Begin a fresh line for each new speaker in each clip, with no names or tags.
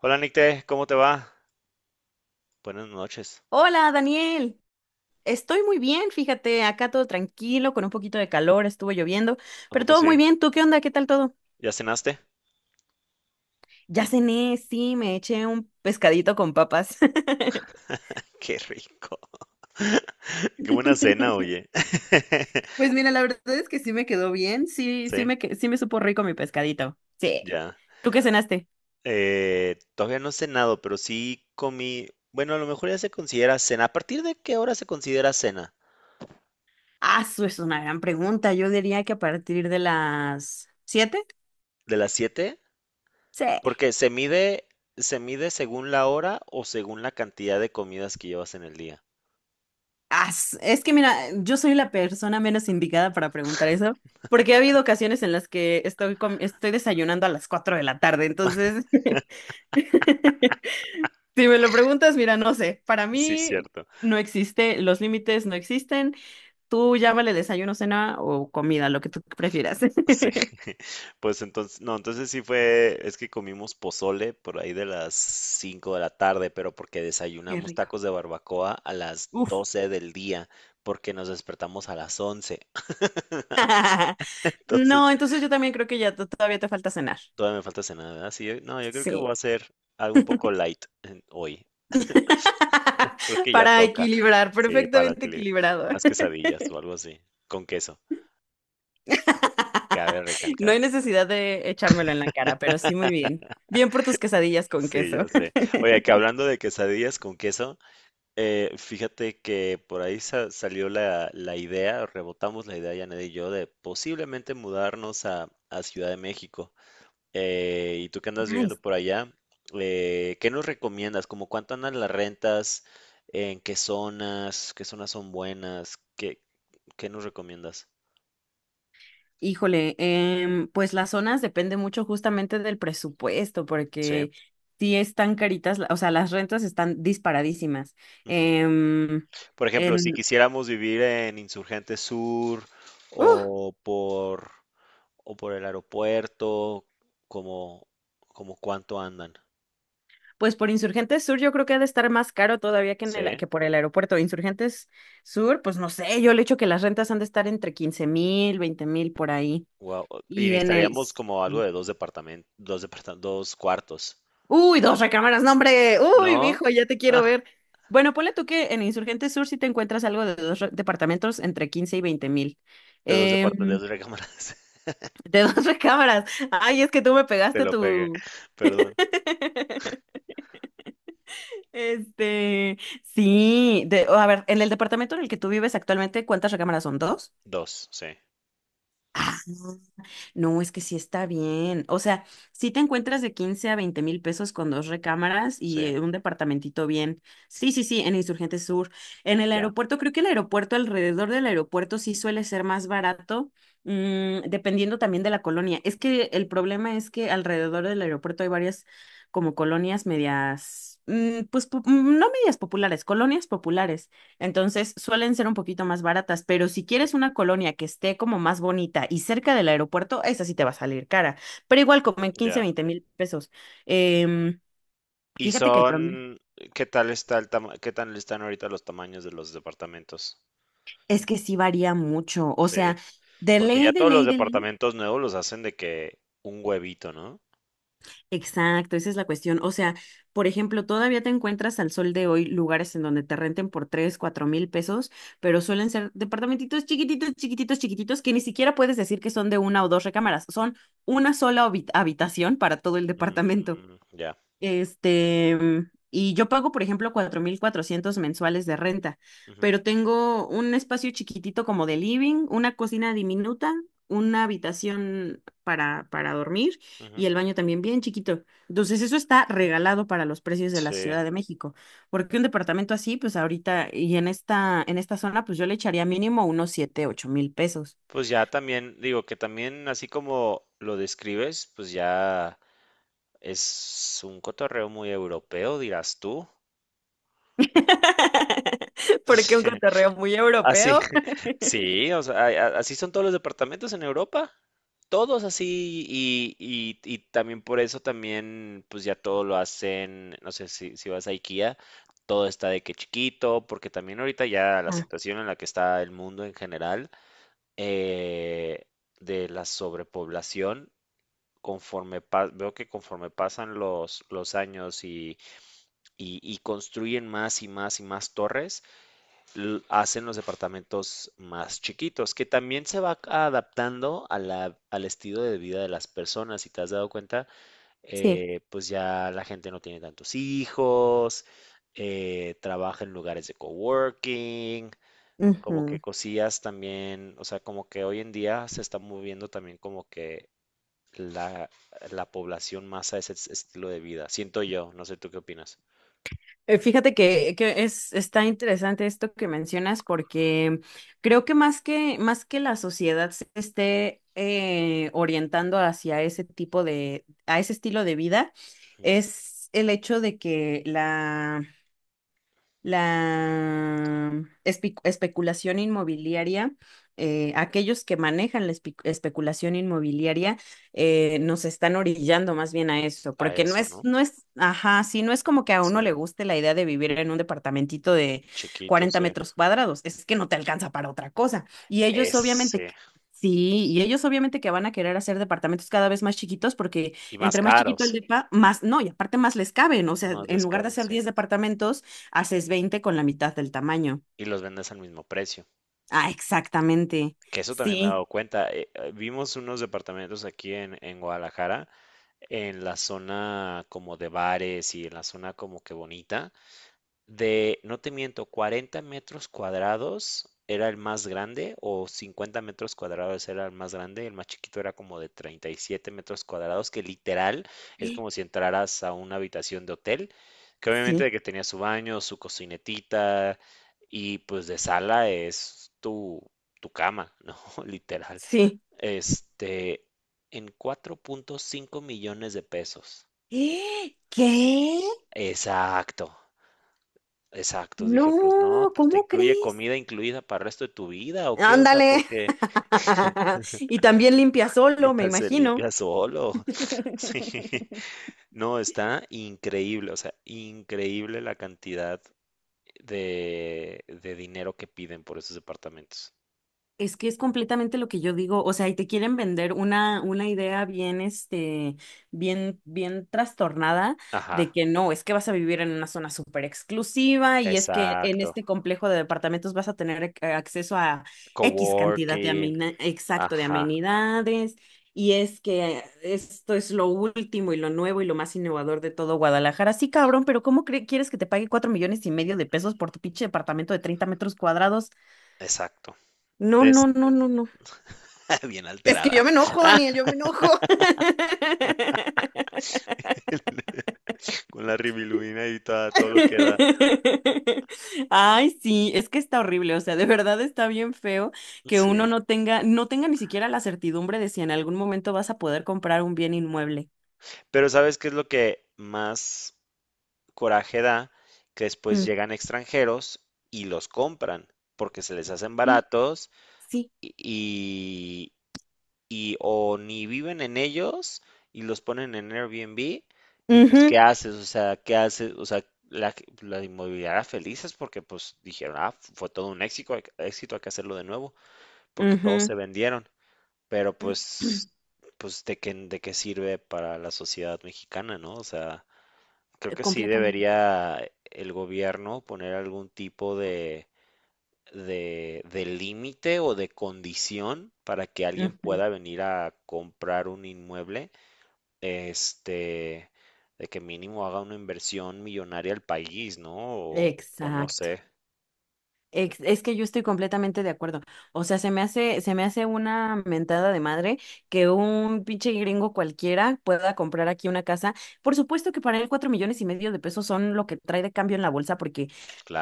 Hola Nicte, ¿cómo te va? Buenas noches.
Hola, Daniel. Estoy muy bien, fíjate, acá todo tranquilo, con un poquito de calor, estuvo lloviendo,
¿A
pero
poco
todo
sí?
muy bien. ¿Tú qué onda? ¿Qué tal todo?
¿Ya cenaste?
Ya cené, sí, me eché un pescadito con papas.
Qué rico. Qué buena cena, oye.
Pues mira, la verdad es que sí me quedó bien, sí,
Sí,
sí me supo rico mi pescadito. Sí.
ya.
¿Tú qué cenaste?
Todavía no he cenado, pero sí comí. Bueno, a lo mejor ya se considera cena. ¿A partir de qué hora se considera cena?
Ah, eso es una gran pregunta. Yo diría que a partir de las 7.
¿De las siete?
Sí.
Porque se mide según la hora o según la cantidad de comidas que llevas en el día.
Es que mira, yo soy la persona menos indicada para preguntar eso, porque ha habido ocasiones en las que estoy desayunando a las 4 de la tarde, entonces, si me lo preguntas, mira, no sé, para
Sí,
mí
cierto.
no existe, los límites no existen, tú llámale desayuno, cena o comida, lo que tú prefieras.
Sí, pues entonces, no, entonces sí fue, es que comimos pozole por ahí de las 5 de la tarde, pero porque
Qué
desayunamos
rico.
tacos de barbacoa a las
Uf.
12 del día, porque nos despertamos a las once. Entonces,
No, entonces yo también creo que ya todavía te falta cenar.
todavía me falta cenar, ¿verdad? Sí, no, yo creo que voy
Sí.
a hacer algo un poco light hoy. Creo que ya
Para
toca,
equilibrar,
sí,
perfectamente equilibrado.
unas quesadillas o algo así, con queso, cabe
No
recalcar.
hay necesidad de echármelo en la cara, pero sí muy bien. Bien por tus quesadillas con
Sí, ya
queso.
sé. Oye, que hablando de quesadillas con queso. Fíjate que por ahí salió la idea, rebotamos la idea, Janet y yo, de posiblemente mudarnos a Ciudad de México. Y tú que andas viviendo
Nice.
por allá, ¿qué nos recomiendas? ¿Cómo cuánto andan las rentas? ¿En qué zonas? ¿Qué zonas son buenas? ¿Qué nos recomiendas?
Híjole, pues las zonas depende mucho justamente del presupuesto,
Sí.
porque sí están caritas, la- o sea, las rentas están disparadísimas.
Ujú.
Em,
Por ejemplo, si
en,
quisiéramos vivir en Insurgente Sur
¡Uh!
o por, o por el aeropuerto, como, como cuánto andan.
Pues por Insurgentes Sur yo creo que ha de estar más caro todavía que, en
Sí,
el, que por el aeropuerto. Insurgentes Sur, pues no sé, yo le echo que las rentas han de estar entre 15,000, 20,000 por ahí.
wow. Y
Y en el...
necesitaríamos como algo de dos departamentos, dos cuartos.
Uy, dos recámaras, no, hombre. Uy,
¿No?
viejo, ya te quiero
Ah,
ver. Bueno, ponle tú que en Insurgente Sur sí te encuentras algo de dos departamentos entre 15 y 20 mil.
de dos
Em,
departamentos, de dos recámaras.
de dos recámaras. Ay, es que tú me
Te
pegaste
lo pegué.
tu...
Perdón.
Este, sí, de, a ver, en el departamento en el que tú vives actualmente, ¿cuántas recámaras son? ¿Dos?
Dos, sí,
No, es que sí está bien. O sea, sí te encuentras de 15 a 20 mil pesos con dos recámaras
sí,
y un departamentito bien. Sí, sí, sí, en Insurgente Sur. En el
ya,
aeropuerto, creo que el aeropuerto, alrededor del aeropuerto, sí suele ser más barato, dependiendo también de la colonia. Es que el problema es que alrededor del aeropuerto hay varias como colonias medias, pues no medias populares, colonias populares. Entonces suelen ser un poquito más baratas, pero si
ujú,
quieres una colonia que esté como más bonita y cerca del aeropuerto, esa sí te va a salir cara. Pero igual como en quince
ya.
veinte mil pesos. Em,
¿Y
Fíjate que el promedio
son, qué tal está qué tal están ahorita los tamaños de los departamentos?
es que sí varía mucho. O sea,
Sí.
de
Porque ya
ley, de
todos los
ley, de ley.
departamentos nuevos los hacen de que un huevito, ¿no?
Exacto, esa es la cuestión. O sea, por ejemplo, todavía te encuentras al sol de hoy lugares en donde te renten por 3, 4 mil pesos, pero suelen ser departamentitos chiquititos, chiquititos, chiquititos, que ni siquiera puedes decir que son de una o dos recámaras, son una sola habitación para todo el departamento.
Mm, ya.
Este, y yo pago, por ejemplo, 4,400 mensuales de renta,
Ujú,
pero tengo un espacio chiquitito como de living, una cocina diminuta, una habitación para dormir
ujú.
y el baño también bien chiquito. Entonces, eso está regalado para los precios de la
Sí.
Ciudad de México, porque un departamento así, pues ahorita y en esta zona, pues yo le echaría mínimo unos 7, 8 mil pesos.
Pues ya también, digo que también así como lo describes, pues ya es un cotorreo muy europeo, dirás tú.
Porque un cotorreo muy
Así,
europeo.
sí, o sea, así son todos los departamentos en Europa, todos así y también por eso también, pues ya todo lo hacen, no sé si, si vas a IKEA, todo está de que chiquito, porque también ahorita ya la
Ah,
situación en la que está el mundo en general, eh, de la sobrepoblación. Veo que conforme pasan los años y construyen más y más y más torres, hacen los departamentos más chiquitos, que también se va adaptando a al estilo de vida de las personas. Si te has dado cuenta,
sí.
pues ya la gente no tiene tantos hijos, trabaja en lugares de coworking. Como que
Ujú.
cosillas también, o sea, como que hoy en día se está moviendo también como que la, la población masa es ese estilo de vida. Siento yo, no sé tú qué opinas.
Fíjate que, está interesante esto que mencionas porque creo que más que, más que la sociedad se esté orientando hacia ese tipo de, a ese estilo de vida,
Ujú.
es el hecho de que la especulación inmobiliaria, aquellos que manejan la especulación inmobiliaria nos están orillando más bien a eso,
A
porque no
eso,
es,
¿no?
no es, ajá, sí, no es como que a
Sí,
uno le guste la idea de vivir en un departamentito de
chiquito,
40
sí.
metros cuadrados, es que no te alcanza para otra cosa. Y ellos obviamente...
Ese.
Sí, y ellos obviamente que van a querer hacer departamentos cada vez más chiquitos porque
Y más
entre más chiquito el
caros.
depa, más, no, y aparte más les caben, o sea,
Más
en
les
lugar de
caben,
hacer
sí.
10 departamentos, haces 20 con la mitad del tamaño.
Y los vendes al mismo precio.
Ah, exactamente.
Que eso también me he
Sí,
dado cuenta. Vimos unos departamentos aquí en Guadalajara, en la zona como de bares y en la zona como que bonita. De, no te miento, 40 metros cuadrados era el más grande o 50 metros cuadrados era el más grande, el más chiquito era como de 37 metros cuadrados, que literal es
sí,
como si entraras a una habitación de hotel, que obviamente
sí.
de que tenía su baño, su cocinetita y pues de sala es tu, tu cama, ¿no? Literal.
Sí.
Este, en 4.5 millones de pesos.
¡Eh! ¿Qué?
Exacto. Exacto, dije, pues no,
No,
pues, te
¿cómo
incluye
crees?
comida incluida para el resto de tu vida, ¿o qué? O sea,
Ándale.
porque
Y también limpia solo, me
ahorita se
imagino.
limpia solo. Sí, no, está increíble, o sea, increíble la cantidad de dinero que piden por esos departamentos.
Es que es completamente lo que yo digo, o sea, y te quieren vender una idea bien, este, bien, bien trastornada de
Ajá,
que no, es que vas a vivir en una zona súper exclusiva y es que en
exacto.
este complejo de departamentos vas a tener acceso a X cantidad de
Coworking,
exacto, de
ajá,
amenidades y es que esto es lo último y lo nuevo y lo más innovador de todo Guadalajara. Sí, cabrón, pero ¿cómo quieres que te pague 4.5 millones de pesos por tu pinche departamento de 30 metros cuadrados?
exacto.
No,
Es
no, no, no, no.
bien
Es que yo
alterada,
me enojo, Daniel, yo me enojo.
con la ribilubina y todo lo que da.
Ay, sí, es que está horrible, o sea, de verdad está bien feo que
Sí.
uno no tenga, no tenga ni siquiera la certidumbre de si en algún momento vas a poder comprar un bien inmueble.
Pero ¿sabes qué es lo que más coraje da que después
Mm.
llegan extranjeros y los compran porque se les hacen
Sí,
baratos
sí.
y, y y o ni viven en ellos y los ponen en Airbnb y pues ¿qué
Ujú.
haces? O sea, ¿qué haces? O sea, la, la inmobiliaria felices porque pues dijeron, ah, fue todo un éxito, éxito, hay que hacerlo de nuevo porque todos se
Ujú.
vendieron, pero pues, pues ¿de qué sirve para la sociedad mexicana, ¿no? O sea... Creo que sí
Completamente.
debería el gobierno poner algún tipo de límite o de condición para que alguien
Ujú.
pueda venir a comprar un inmueble, este, de que mínimo haga una inversión millonaria al país, ¿no? O no
Exacto.
sé,
Es que yo estoy completamente de acuerdo. O sea, se me hace una mentada de madre que un pinche gringo cualquiera pueda comprar aquí una casa. Por supuesto que para él 4.5 millones de pesos son lo que trae de cambio en la bolsa, porque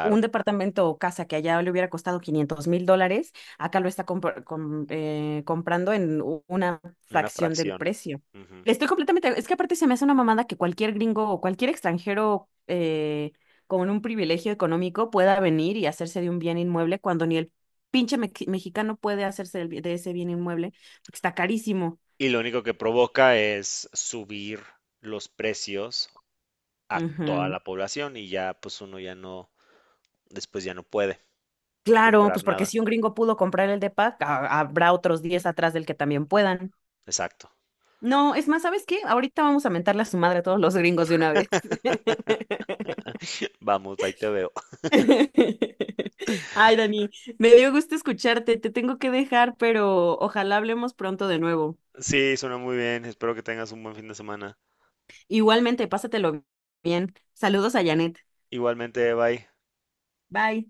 un departamento o casa que allá le hubiera costado 500,000 dólares, acá lo está comprando en una
una
fracción del
fracción.
precio.
Ujú.
Estoy completamente, es que aparte se me hace una mamada que cualquier gringo o cualquier extranjero con un privilegio económico pueda venir y hacerse de un bien inmueble cuando ni el pinche mexicano puede hacerse del de ese bien inmueble porque está carísimo.
Y lo único que provoca es subir los precios a toda
Ujú.
la población y ya pues uno ya no, después ya no puede
Claro, pues
comprar
porque
nada.
si un gringo pudo comprar el depa, habrá otros 10 atrás del que también puedan.
Exacto.
No, es más, ¿sabes qué? Ahorita vamos a mentarle a su madre a todos los gringos de una vez.
Vamos, ahí te veo.
Ay, Dani, me dio gusto escucharte, te tengo que dejar, pero ojalá hablemos pronto de nuevo.
Sí, suena muy bien. Espero que tengas un buen fin de semana.
Igualmente, pásatelo bien. Saludos a Janet.
Igualmente, bye.
Bye.